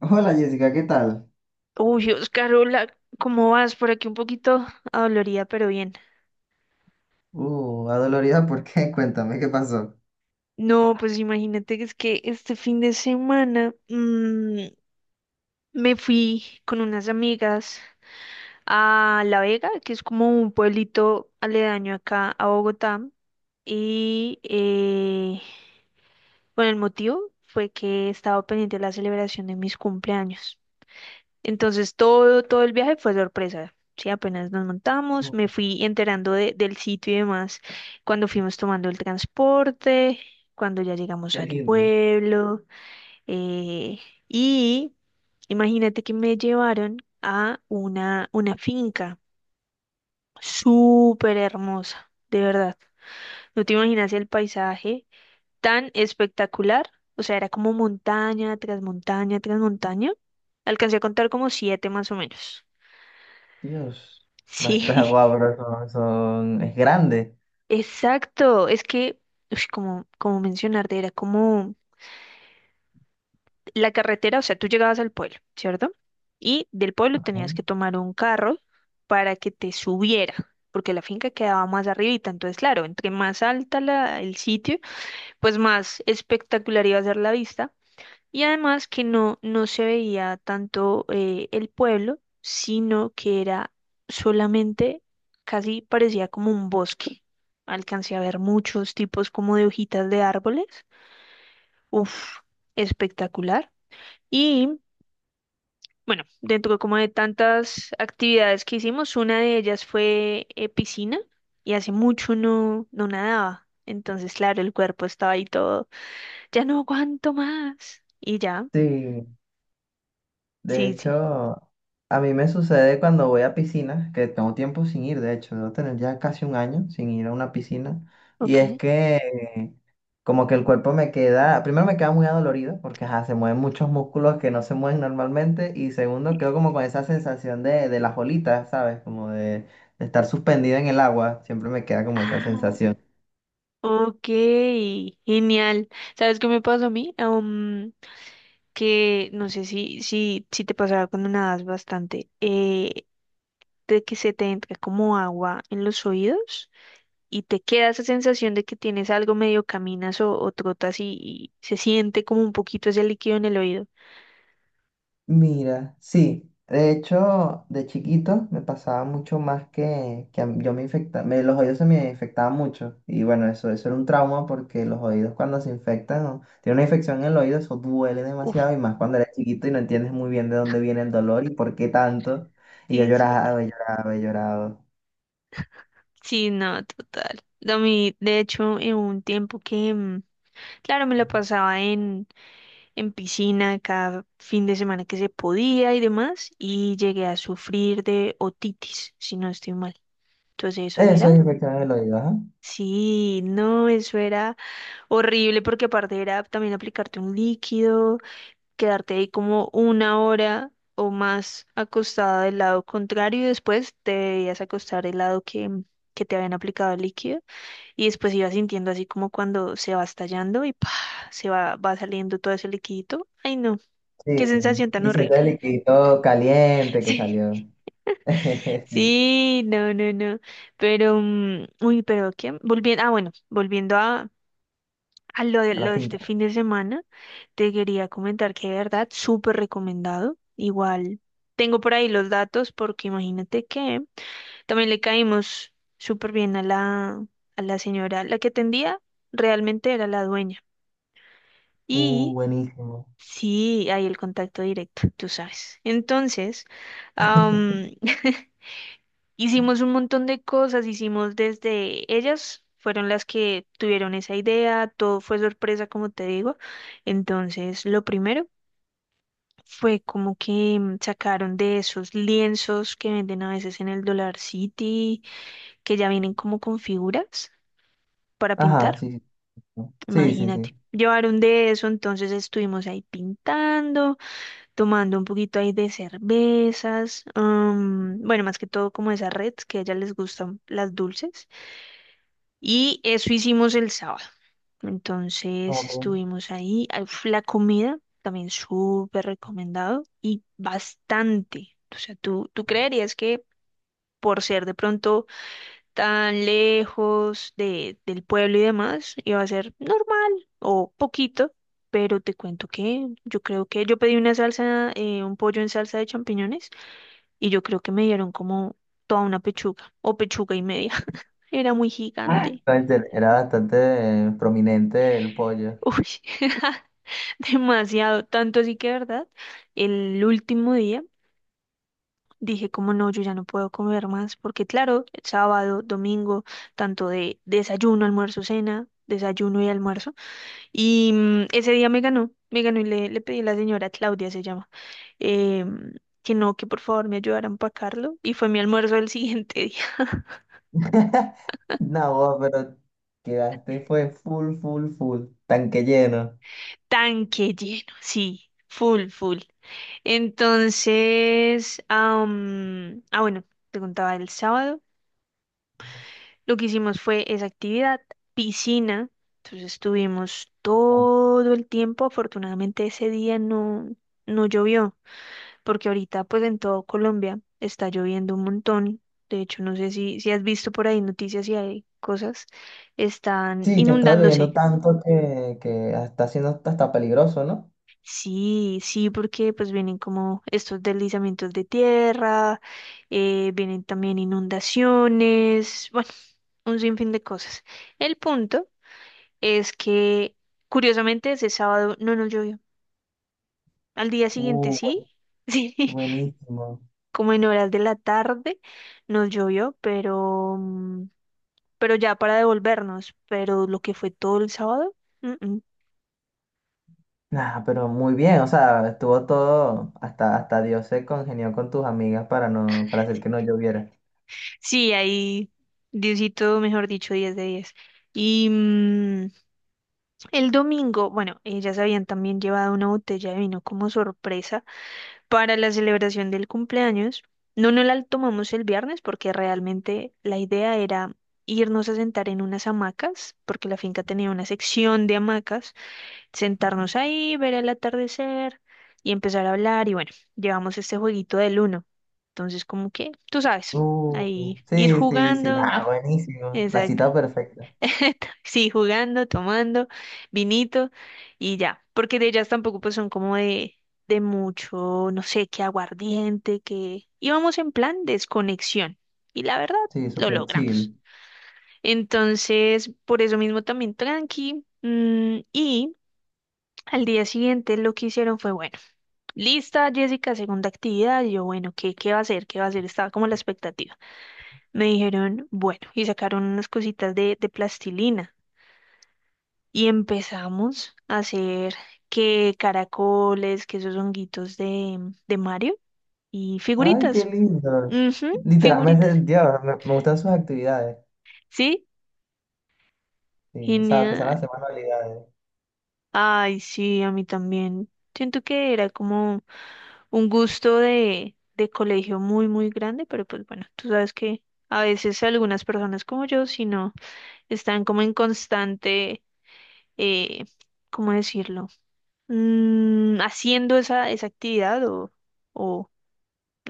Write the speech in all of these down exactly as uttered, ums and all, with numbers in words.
Hola Jessica, ¿qué tal? Uy, Oscarola, ¿cómo vas? Por aquí un poquito adolorida, pero bien. Uh, adolorida, ¿por qué? Cuéntame, ¿qué pasó? No, pues imagínate que es que este fin de semana mm, me fui con unas amigas a La Vega, que es como un pueblito aledaño acá a Bogotá. Y eh, bueno, el motivo fue que estaba pendiente de la celebración de mis cumpleaños. Entonces todo, todo el viaje fue sorpresa. Sí, apenas nos montamos, Oh, me fui enterando de- del sitio y demás cuando fuimos tomando el transporte, cuando ya llegamos qué al lindo. pueblo. eh, y imagínate que me llevaron a una, una finca súper hermosa, de verdad. No te imaginas el paisaje tan espectacular. O sea, era como montaña tras montaña tras montaña. Alcancé a contar como siete más o menos. Dios, Sí, basta guau, bro, son, son- es grande. exacto. Es que, ush, como, como mencionarte, era como la carretera, o sea, tú llegabas al pueblo, ¿cierto? Y del pueblo tenías Ok. que tomar un carro para que te subiera, porque la finca quedaba más arribita. Entonces, claro, entre más alta la, el sitio, pues más espectacular iba a ser la vista. Y además que no, no se veía tanto eh, el pueblo, sino que era solamente, casi parecía como un bosque. Alcancé a ver muchos tipos como de hojitas de árboles. Uf, espectacular. Y bueno, dentro como de tantas actividades que hicimos, una de ellas fue eh, piscina, y hace mucho no, no nadaba. Entonces, claro, el cuerpo estaba ahí todo, ya no aguanto más. Y ya, Sí, de sí, sí, hecho, a mí me sucede cuando voy a piscinas, que tengo tiempo sin ir, de hecho, debo tener ya casi un año sin ir a una piscina, y es ok. que como que el cuerpo me queda, primero me queda muy adolorido porque ajá, se mueven muchos músculos que no se mueven normalmente y segundo quedo como con esa sensación de, de las olitas, ¿sabes? Como de, de estar suspendida en el agua, siempre me queda como esa Ah, sensación. ok, genial. ¿Sabes qué me pasó a mí? Um, que no sé si, si, si te pasaba cuando nadas bastante, eh, de que se te entra como agua en los oídos y te queda esa sensación de que tienes algo medio caminas o, o trotas y, y se siente como un poquito ese líquido en el oído. Mira, sí, de hecho, de chiquito me pasaba mucho más que, que a mí- yo me infectaba, me, los oídos se me infectaban mucho y bueno, eso, eso era un trauma porque los oídos cuando se infectan, o tiene una infección en el oído, eso duele Uf, demasiado y más cuando eres chiquito y no entiendes muy bien de dónde viene el dolor y por qué tanto. Y yo sí, es cierto. lloraba, y lloraba, y lloraba. Sí, no, total. A mí, de hecho, en un tiempo que, mm, claro, me lo pasaba en en piscina cada fin de semana que se podía y demás, y llegué a sufrir de otitis, si no estoy mal. Entonces eso Eso era, es infección en el oído, ajá. sí, no, eso era horrible porque aparte era también aplicarte un líquido, quedarte ahí como una hora o más acostada del lado contrario y después te debías acostar el lado que... que te habían aplicado el líquido y después ibas sintiendo así como cuando se va estallando y ¡pah! Se va, va saliendo todo ese liquidito. Ay, no. Qué Sí, sensación tan y siente horrible. el liquidito caliente que Sí, salió. Sí, sí, no, no, no. Pero, mm, uy, pero ¿qué? Volviendo, ah, bueno, volviendo a, a lo de, a la lo de este finca. fin de semana, te quería comentar que de verdad, súper recomendado. Igual, tengo por ahí los datos porque imagínate que también le caímos súper bien a la, a la señora, la que atendía realmente era la dueña. Uh, Y buenísimo. sí, hay el contacto directo, tú sabes. Entonces, am, hicimos un montón de cosas, hicimos desde ellas, fueron las que tuvieron esa idea, todo fue sorpresa, como te digo. Entonces, lo primero fue como que mm, sacaron de esos lienzos que venden a veces en el Dollar City, que ya vienen como con figuras para Ajá, pintar, sí, sí. ¿No? Sí, sí, imagínate. sí. Llevaron de eso, entonces estuvimos ahí pintando, tomando un poquito ahí de cervezas, mm, bueno, más que todo como esa red que a ellas les gustan las dulces. Y eso hicimos el sábado. No, Entonces pues. estuvimos ahí. Ah, uf, la comida también súper recomendado y bastante. O sea, ¿tú, tú creerías que por ser de pronto tan lejos de, del pueblo y demás, iba a ser normal o poquito? Pero te cuento que yo creo que yo pedí una salsa, eh, un pollo en salsa de champiñones y yo creo que me dieron como toda una pechuga o pechuga y media. Era muy gigante. No, este, era bastante eh, prominente el pollo. Uy. Demasiado, tanto así que, ¿verdad? El último día dije como no, yo ya no puedo comer más, porque claro, sábado, domingo, tanto de desayuno, almuerzo, cena, desayuno y almuerzo, y mm, ese día me ganó, me ganó y le, le pedí a la señora Claudia, se llama, em, que no, que por favor me ayudara a empacarlo, y fue mi almuerzo del siguiente día, No, vos, pero quedaste, fue full, full, full, tanque lleno. tanque lleno, sí, full, full. Entonces, am, ah, bueno, te contaba el sábado. Lo que hicimos fue esa actividad, piscina. Entonces estuvimos todo el tiempo. Afortunadamente ese día no, no llovió, porque ahorita pues en todo Colombia está lloviendo un montón. De hecho, no sé si, si has visto por ahí noticias y hay cosas, están Sí, que estaba lloviendo inundándose. tanto que, que está siendo hasta, hasta peligroso, ¿no? Sí, sí, porque pues vienen como estos deslizamientos de tierra, eh, vienen también inundaciones, bueno, un sinfín de cosas. El punto es que curiosamente ese sábado no nos llovió. Al día siguiente uh, sí, bu- sí, Buenísimo. como en horas de la tarde nos llovió, pero, mm, pero ya para devolvernos, pero lo que fue todo el sábado, mm, mm. Nah, pero muy bien, o sea, estuvo todo, hasta, hasta Dios se congenió con tus amigas para no, para hacer que no lloviera. Sí, ahí Diosito, mejor dicho, diez de diez. Y mm, el domingo, bueno, ellas habían también llevado una botella de vino como sorpresa para la celebración del cumpleaños. No, no la tomamos el viernes porque realmente la idea era irnos a sentar en unas hamacas, porque la finca tenía una sección de hamacas, sentarnos ahí, ver el atardecer y empezar a hablar. Y bueno, llevamos este jueguito del uno. Entonces, como que, tú sabes, Uh, ahí ir Sí, sí, sí, jugando. nada, buenísimo. La Exacto. cita perfecta. Sí, jugando, tomando vinito y ya, porque de ellas tampoco pues son como de, de mucho, no sé, qué aguardiente, que íbamos en plan desconexión y la verdad Sí, lo súper logramos. chill. Entonces, por eso mismo también tranqui, mm, y al día siguiente lo que hicieron fue, bueno, lista Jessica, segunda actividad, y yo, bueno, ¿qué, qué va a hacer? ¿Qué va a hacer? Estaba como la expectativa. Me dijeron, bueno, y sacaron unas cositas de, de plastilina, y empezamos a hacer que caracoles, que esos honguitos de, de Mario y Ay, qué figuritas. lindo. Ujú, figuritas. Literalmente, Dios, me, me gustan sus actividades. Sí, Sí, o sea, empezar genial. la semana habilidades, Ay, sí, a mí también. Siento que era como un gusto de, de colegio muy, muy grande, pero pues bueno, tú sabes que a veces algunas personas como yo, si no, están como en constante, eh, ¿cómo decirlo? Mm, haciendo esa, esa actividad o... o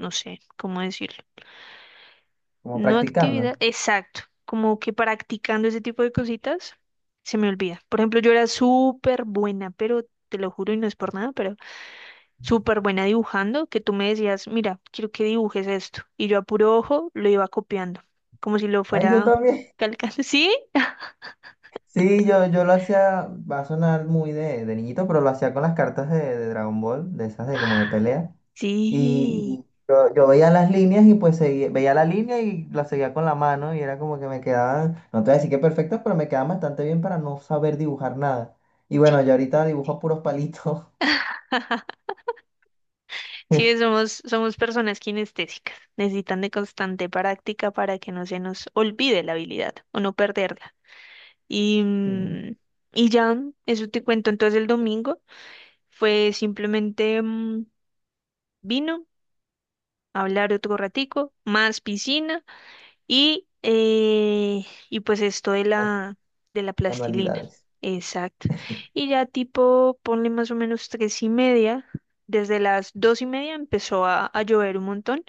no sé cómo decirlo. como No practicando. actividad, exacto, como que practicando ese tipo de cositas, se me olvida. Por ejemplo, yo era súper buena, pero te lo juro y no es por nada, pero súper buena dibujando, que tú me decías, mira, quiero que dibujes esto. Y yo a puro ojo lo iba copiando, como si lo Ay, yo fuera también. calcando. ¿Sí? Sí, yo, yo lo hacía, va a sonar muy de, de niñito, pero lo hacía con las cartas de, de Dragon Ball, de esas de como de pelea. Y Sí. y yo, yo veía las líneas y pues seguía, veía la línea y la seguía con la mano y era como que me quedaban, no te voy a decir que perfectos, pero me quedaban bastante bien para no saber dibujar nada. Y bueno, yo ahorita dibujo puros palitos. Sí, somos, somos personas kinestésicas. Necesitan de constante práctica para que no se nos olvide la habilidad o no perderla. Y, Sí. mm, y ya, eso te cuento. Entonces el domingo fue simplemente mm, vino, hablar otro ratico, más piscina y, eh, y pues esto de la, de la plastilina. Manualidades. Exacto. Y ya tipo, ponle más o menos tres y media. Desde las dos y media empezó a, a llover un montón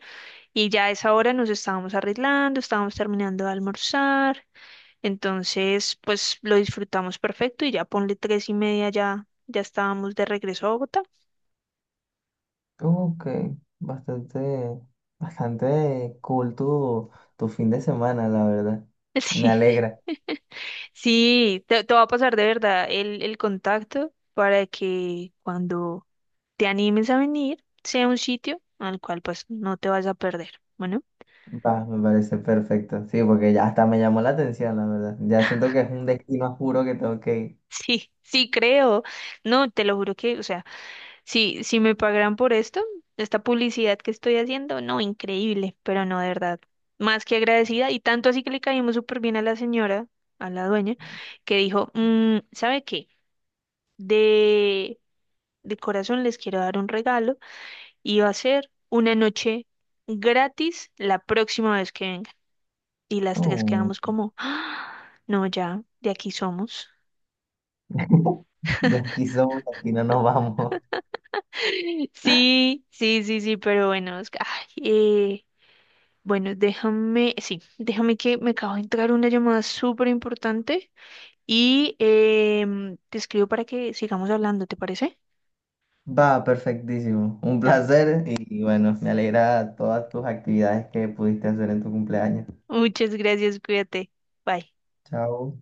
y ya a esa hora nos estábamos arreglando, estábamos terminando de almorzar entonces, pues lo disfrutamos perfecto y ya ponle tres y media, ya, ya estábamos de regreso a Bogotá. Ok, bastante, bastante cool tu, tu fin de semana, la verdad. Me Sí, alegra. sí, te, te va a pasar de verdad el, el contacto para que cuando te animes a venir sea un sitio al cual pues no te vas a perder. Bueno, Va, me parece perfecto. Sí, porque ya hasta me llamó la atención, la verdad. Ya siento que es un destino a juro que tengo que ir. sí, sí creo. No, te lo juro que, o sea, si, si me pagaran por esto, esta publicidad que estoy haciendo, no, increíble, pero no, de verdad, más que agradecida. Y tanto así que le caímos súper bien a la señora, a la dueña, que dijo, "Mm, ¿sabe qué? De, de corazón les quiero dar un regalo y va a ser una noche gratis la próxima vez que vengan." Y las tres Oh. quedamos como, "Ah, no, ya, de aquí somos." De aquí somos, de aquí no nos vamos. Sí, sí, sí, sí, pero bueno, es que, ay, eh, bueno, déjame, sí, déjame que me acabo de entrar una llamada súper importante y em, te escribo para que sigamos hablando, ¿te parece? Va, perfectísimo. Un Da. placer y bueno, me alegra todas tus actividades que pudiste hacer en tu cumpleaños. Muchas gracias, cuídate. Bye. Chao.